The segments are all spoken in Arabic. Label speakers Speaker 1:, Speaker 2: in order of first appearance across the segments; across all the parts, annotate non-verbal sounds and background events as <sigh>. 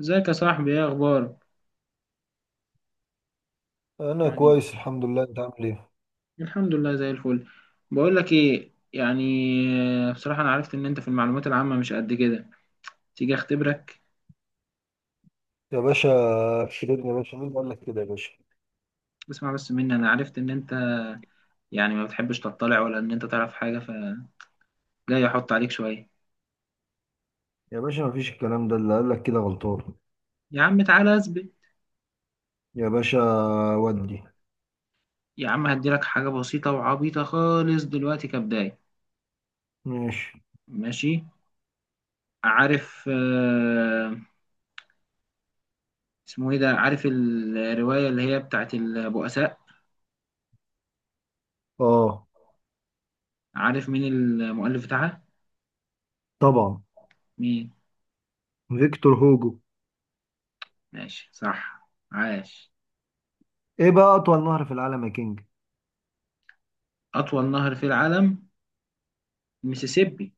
Speaker 1: ازيك يا صاحبي؟ ايه اخبارك؟
Speaker 2: انا
Speaker 1: يعني
Speaker 2: كويس، الحمد لله. انت عامل ايه؟
Speaker 1: الحمد لله زي الفل. بقول لك ايه؟ يعني بصراحة انا عرفت ان انت في المعلومات العامة مش قد كده. تيجي اختبرك؟
Speaker 2: يا باشا، شيرين يا باشا، مين اللي قال لك كده يا باشا؟
Speaker 1: اسمع بس مني، انا عرفت ان انت يعني ما بتحبش تطلع، ولا ان انت تعرف حاجة. فجاي احط عليك شوية.
Speaker 2: يا باشا، مفيش الكلام ده، اللي قال لك كده غلطان.
Speaker 1: يا عم تعالى اثبت.
Speaker 2: يا باشا، ودي...
Speaker 1: يا عم هديلك حاجة بسيطة وعبيطة خالص دلوقتي كبداية.
Speaker 2: ماشي.
Speaker 1: ماشي. عارف اسمه ايه ده؟ عارف الرواية اللي هي بتاعت البؤساء؟
Speaker 2: اه،
Speaker 1: عارف مين المؤلف بتاعها؟
Speaker 2: طبعا.
Speaker 1: مين؟
Speaker 2: فيكتور هوجو.
Speaker 1: ماشي صح، عاش.
Speaker 2: ايه بقى اطول نهر في العالم يا كينج؟
Speaker 1: أطول نهر في العالم ميسيسيبي.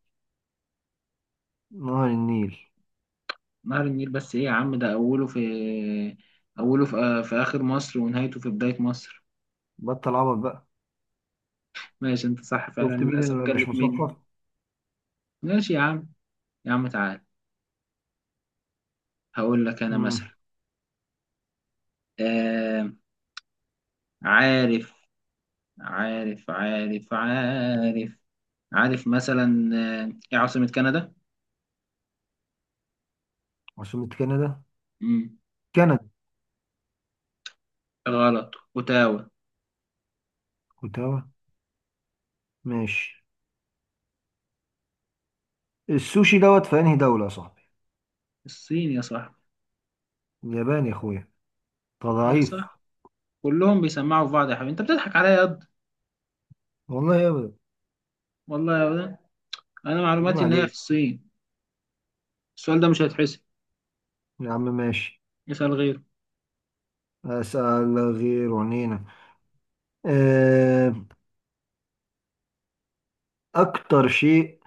Speaker 2: نهر النيل.
Speaker 1: نهر النيل، بس إيه يا عم؟ ده أوله في في آخر مصر ونهايته في بداية مصر.
Speaker 2: بطل عبط بقى.
Speaker 1: ماشي أنت صح فعلا،
Speaker 2: شفت مين
Speaker 1: للأسف
Speaker 2: اللي مش
Speaker 1: جلت مني.
Speaker 2: مثقف.
Speaker 1: ماشي يا عم. يا عم تعال، هقول لك أنا مثلا.
Speaker 2: امم
Speaker 1: آه. عارف عارف عارف عارف عارف مثلا، إيه عاصمة كندا؟
Speaker 2: عاصمة كندا.
Speaker 1: مم.
Speaker 2: كندا.
Speaker 1: غلط، أوتاوا.
Speaker 2: كنت هوا. ماشي. السوشي دوت في انهي دولة يا صاحبي؟
Speaker 1: الصين يا صاحبي.
Speaker 2: اليابان يا اخويا. انت
Speaker 1: يا
Speaker 2: ضعيف.
Speaker 1: صاحبي كلهم بيسمعوا في بعض، يا حبيبي أنت بتضحك عليا.
Speaker 2: والله يا ابدا.
Speaker 1: والله يا ولد، انا
Speaker 2: عيب
Speaker 1: معلوماتي ان هي في
Speaker 2: عليك.
Speaker 1: الصين. السؤال ده مش هيتحسب،
Speaker 2: يا عم ماشي.
Speaker 1: اسال غيره.
Speaker 2: أسأل غير عنينا. آه، أكتر شيء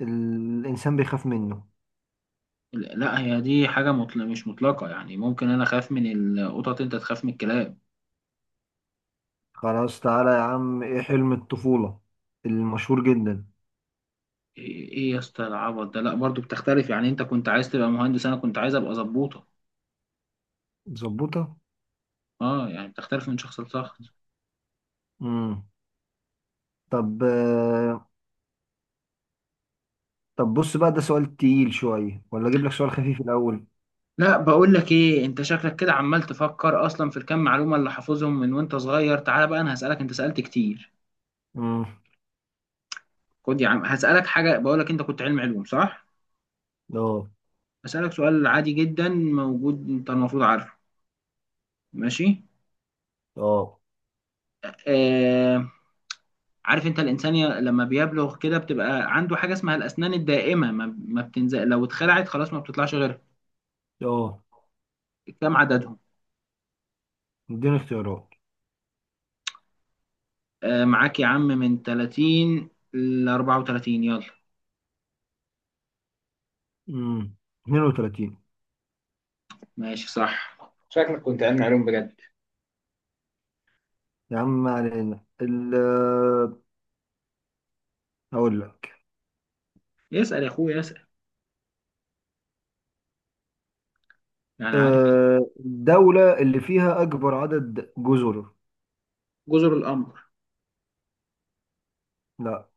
Speaker 2: الإنسان بيخاف منه.
Speaker 1: لا لا، هي دي حاجه مطلق مش مطلقه، يعني ممكن انا اخاف من القطط انت تخاف من الكلاب.
Speaker 2: خلاص تعالى يا عم، إيه حلم الطفولة المشهور جدا؟
Speaker 1: ايه إيه يا اسطى العبط ده، لا برضو بتختلف، يعني انت كنت عايز تبقى مهندس انا كنت عايز ابقى ظبوطه.
Speaker 2: ظبطة.
Speaker 1: اه، يعني بتختلف من شخص لشخص.
Speaker 2: مم. طب آه، طب بص بقى، ده سؤال تقيل شوية ولا أجيب لك سؤال خفيف الأول؟
Speaker 1: لا، بقول لك ايه، انت شكلك كده عمال تفكر اصلا في الكام معلومه اللي حافظهم من وانت صغير. تعالى بقى انا هسالك، انت سالت كتير.
Speaker 2: مم.
Speaker 1: خد يا عم هسالك حاجه، بقول لك انت كنت علم علوم صح؟
Speaker 2: أه،
Speaker 1: هسالك سؤال عادي جدا موجود، انت المفروض عارفه. ماشي.
Speaker 2: أه،
Speaker 1: آه. عارف انت الانسان لما بيبلغ كده بتبقى عنده حاجه اسمها الاسنان الدائمه، ما بتنزل، لو اتخلعت خلاص ما بتطلعش غيرها.
Speaker 2: أه.
Speaker 1: كم عددهم؟
Speaker 2: اديني اختيارات.
Speaker 1: آه معاك يا عم، من 30 ل 34، يلا.
Speaker 2: مم. 32.
Speaker 1: ماشي صح. شكلك كنت علمي علوم بجد.
Speaker 2: يا عم ما علينا أقول لك.
Speaker 1: يسأل يا اخويا يسأل. يعني عارف.
Speaker 2: الدولة اللي فيها أكبر عدد جزر؟
Speaker 1: جزر القمر.
Speaker 2: لا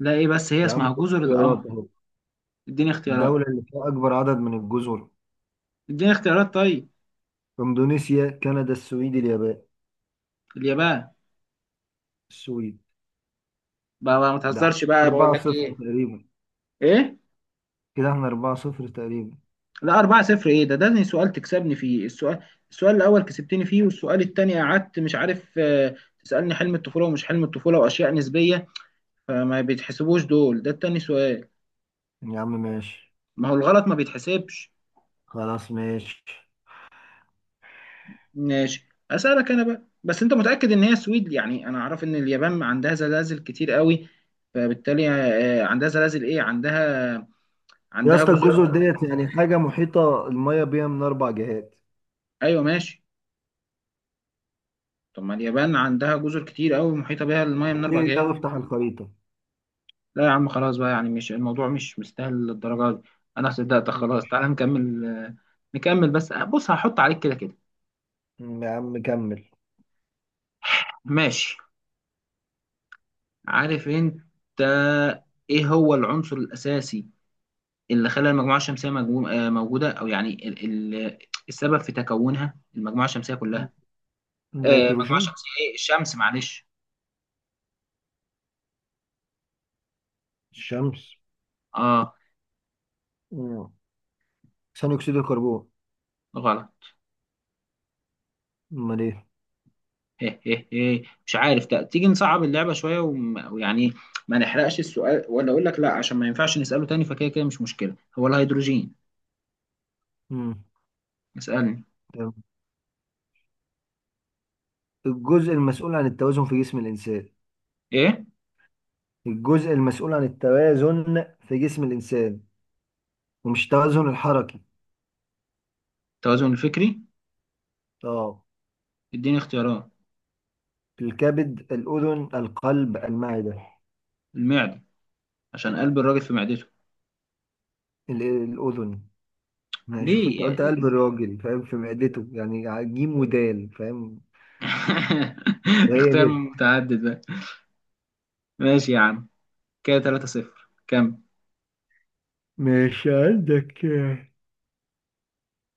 Speaker 1: لا ايه، بس هي
Speaker 2: يا عم
Speaker 1: اسمها
Speaker 2: خد
Speaker 1: جزر
Speaker 2: اختيارات
Speaker 1: القمر.
Speaker 2: اهو.
Speaker 1: اديني اختيارات.
Speaker 2: الدولة اللي فيها أكبر عدد من الجزر؟
Speaker 1: اديني اختيارات طيب.
Speaker 2: إندونيسيا، كندا، السويد، اليابان.
Speaker 1: اليابان.
Speaker 2: السويد.
Speaker 1: بقى بقى ما
Speaker 2: ده احنا
Speaker 1: تهزرش بقى، بقول
Speaker 2: 4
Speaker 1: لك
Speaker 2: صفر
Speaker 1: ايه.
Speaker 2: تقريبا.
Speaker 1: ايه؟
Speaker 2: كده احنا 4 صفر تقريبا.
Speaker 1: لا، 4-0 ايه ده زي سؤال تكسبني فيه. السؤال السؤال الاول كسبتني فيه، والسؤال التاني قعدت مش عارف. تسألني حلم الطفولة ومش حلم الطفولة واشياء نسبية، فما بيتحسبوش دول. ده التاني سؤال.
Speaker 2: يعني يا عم ماشي.
Speaker 1: ما هو الغلط ما بيتحسبش.
Speaker 2: خلاص ماشي.
Speaker 1: ماشي، اسألك انا بقى. بس انت متأكد ان هي سويد؟ يعني انا اعرف ان اليابان عندها زلازل كتير قوي، فبالتالي عندها زلازل، ايه عندها،
Speaker 2: يا
Speaker 1: عندها
Speaker 2: اسطى،
Speaker 1: جزر.
Speaker 2: الجزر ديت يعني حاجة محيطة المية بيها من أربع جهات.
Speaker 1: ايوه ماشي. طب ما اليابان عندها جزر كتير قوي محيطة بها المية من اربع
Speaker 2: ايه
Speaker 1: جهات.
Speaker 2: ده، افتح الخريطة.
Speaker 1: لا يا عم خلاص بقى، يعني مش الموضوع، مش مستاهل للدرجة دي. انا صدقتك
Speaker 2: مم.
Speaker 1: خلاص، تعالى نكمل بس، بص هحط عليك كده كده.
Speaker 2: يا عم كمل.
Speaker 1: ماشي. عارف انت ايه هو العنصر الاساسي اللي خلى المجموعة الشمسية موجودة؟ او يعني ال- السبب في تكونها المجموعة الشمسية
Speaker 2: مم.
Speaker 1: كلها. المجموعة
Speaker 2: نيتروجين.
Speaker 1: الشمسية ايه؟ الشمس معلش.
Speaker 2: الشمس.
Speaker 1: اه.
Speaker 2: مم. ثاني أكسيد الكربون.
Speaker 1: غلط.
Speaker 2: أمال إيه؟
Speaker 1: هيه هيه هيه. مش عارف. تيجي نصعب اللعبة شوية ويعني ما نحرقش السؤال، ولا أقول لك لا عشان ما ينفعش نسأله تاني، فكده كده مش مشكلة. هو الهيدروجين.
Speaker 2: مم.
Speaker 1: اسألني.
Speaker 2: تمام. الجزء المسؤول عن التوازن في جسم الإنسان.
Speaker 1: إيه؟
Speaker 2: الجزء المسؤول عن التوازن في جسم الإنسان، ومش التوازن الحركي.
Speaker 1: التوازن الفكري.
Speaker 2: اه.
Speaker 1: اديني اختيارات.
Speaker 2: الكبد، الأذن، القلب، المعدة.
Speaker 1: المعدة، عشان قلب الراجل في معدته.
Speaker 2: الأذن. يعني شوف، أنت
Speaker 1: ليه
Speaker 2: قلت
Speaker 1: يعني؟
Speaker 2: قلب الراجل فاهم في معدته، يعني جيم ودال فاهم.
Speaker 1: <laughs>
Speaker 2: وهي
Speaker 1: اختيار
Speaker 2: ب.
Speaker 1: متعدد بقى. ماشي يا عم. كده 3 صفر كم؟
Speaker 2: مش عندك.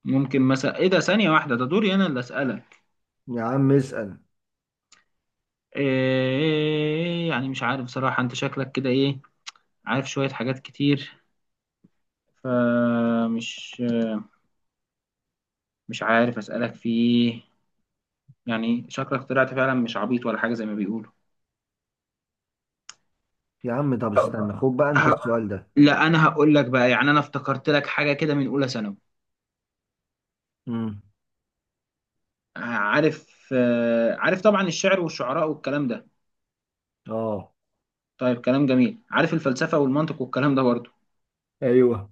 Speaker 1: ممكن مثلا. ايه ده؟ ثانية واحدة، ده دوري انا اللي اسألك.
Speaker 2: يا عم اسأل.
Speaker 1: إيه يعني؟ مش عارف بصراحة، انت شكلك كده ايه، عارف شوية حاجات كتير، فمش مش عارف أسألك في إيه. يعني شكلك طلعت فعلا مش عبيط ولا حاجة زي ما بيقولوا.
Speaker 2: يا عم طب استنى، خد بقى أنت
Speaker 1: ه...
Speaker 2: السؤال ده.
Speaker 1: لا أنا هقول لك بقى، يعني أنا افتكرت لك حاجة كده من أولى ثانوي.
Speaker 2: امم
Speaker 1: عارف طبعا الشعر والشعراء والكلام ده.
Speaker 2: اه،
Speaker 1: طيب كلام جميل. عارف الفلسفة والمنطق والكلام ده برضه؟
Speaker 2: ايوه.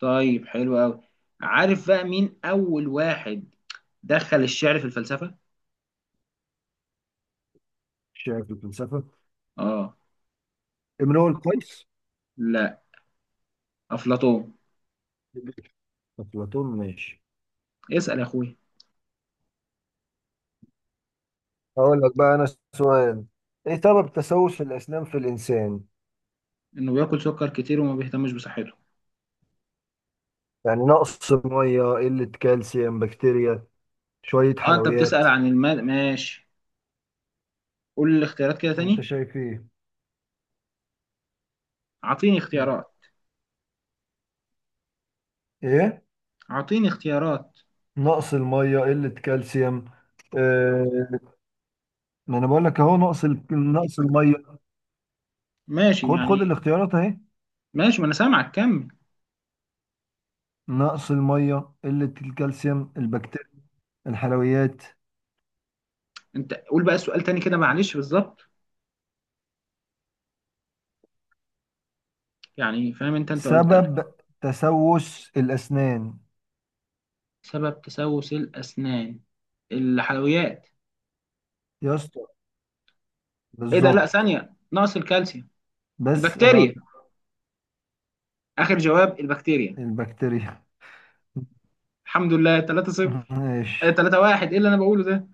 Speaker 1: طيب حلو أوي. عارف بقى مين أول واحد دخل الشعر في الفلسفة؟
Speaker 2: شايف الفلسفة.
Speaker 1: آه.
Speaker 2: امرؤ القيس.
Speaker 1: لا. أفلاطون.
Speaker 2: أفلاطون ماشي.
Speaker 1: اسأل يا أخويا.
Speaker 2: هقول لك بقى انا سؤال. ايه سبب تسوس الاسنان في الانسان؟
Speaker 1: إنه بياكل سكر كتير وما بيهتمش بصحته.
Speaker 2: يعني نقص ميه، قله كالسيوم، بكتيريا، شويه
Speaker 1: اه، انت
Speaker 2: حلويات.
Speaker 1: بتسأل عن المال، ماشي. قول لي الاختيارات كده
Speaker 2: انت
Speaker 1: تاني.
Speaker 2: شايف ايه؟
Speaker 1: اعطيني اختيارات.
Speaker 2: ايه.
Speaker 1: اعطيني اختيارات.
Speaker 2: نقص الميه، قله كالسيوم. آه، ما انا بقول لك اهو نقص الميه.
Speaker 1: ماشي
Speaker 2: خد
Speaker 1: يعني.
Speaker 2: خد الاختيارات اهي.
Speaker 1: ماشي، ما انا سامعك كمل.
Speaker 2: نقص الميه، قله الكالسيوم، البكتيريا، الحلويات.
Speaker 1: انت قول بقى السؤال تاني كده معلش بالظبط، يعني فاهم انت قلت أنا.
Speaker 2: سبب تسوس الاسنان.
Speaker 1: سبب تسوس الاسنان الحلويات.
Speaker 2: يا اسطى
Speaker 1: ايه ده لا،
Speaker 2: بالظبط.
Speaker 1: ثانية، نقص الكالسيوم،
Speaker 2: بس انا قلت
Speaker 1: البكتيريا. اخر جواب البكتيريا.
Speaker 2: البكتيريا.
Speaker 1: الحمد لله 3-0.
Speaker 2: ماشي.
Speaker 1: 3-1 ايه اللي انا بقوله ده؟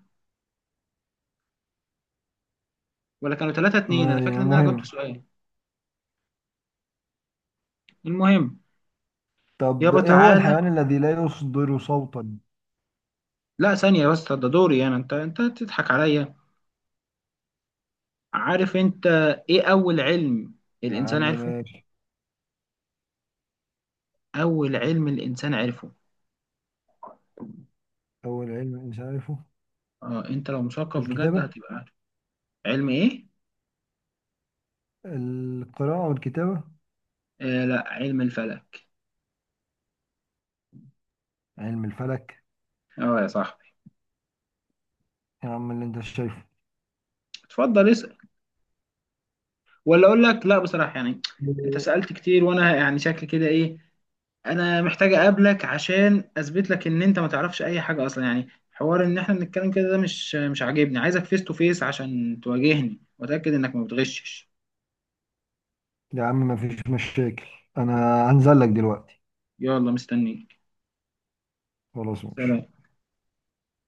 Speaker 1: ولا كانوا 3-2؟
Speaker 2: ما
Speaker 1: انا
Speaker 2: علينا.
Speaker 1: فاكر ان انا جبت
Speaker 2: المهم.
Speaker 1: سؤال. المهم.
Speaker 2: طب
Speaker 1: يابا
Speaker 2: ايه هو
Speaker 1: تعالى.
Speaker 2: الحيوان الذي لا يصدر صوتا؟
Speaker 1: لا ثانية بس، ده دوري انا، انت تضحك عليا. عارف انت ايه اول علم
Speaker 2: يا
Speaker 1: الانسان
Speaker 2: عم
Speaker 1: عرفه؟
Speaker 2: ماشي.
Speaker 1: اول علم الانسان عرفه
Speaker 2: اول علم الانسان عارفه؟
Speaker 1: اه، انت لو مثقف بجد
Speaker 2: الكتابة.
Speaker 1: هتبقى عارف. علم ايه؟
Speaker 2: القراءة والكتابة.
Speaker 1: آه لا، علم الفلك.
Speaker 2: علم الفلك.
Speaker 1: اه يا صاحبي.
Speaker 2: يا عم اللي انت شايفه.
Speaker 1: اتفضل اسال. ولا اقول لك لا بصراحه، يعني انت سالت كتير وانا يعني شكل كده ايه. انا محتاج اقابلك عشان اثبت لك ان انت ما تعرفش اي حاجه اصلا، يعني حوار ان احنا بنتكلم كده ده مش عاجبني. عايزك فيس تو فيس عشان تواجهني واتاكد انك ما بتغشش.
Speaker 2: يا عم مفيش مشاكل. انا هنزل لك دلوقتي.
Speaker 1: يلا مستنيك.
Speaker 2: خلاص ماشي.
Speaker 1: سلام.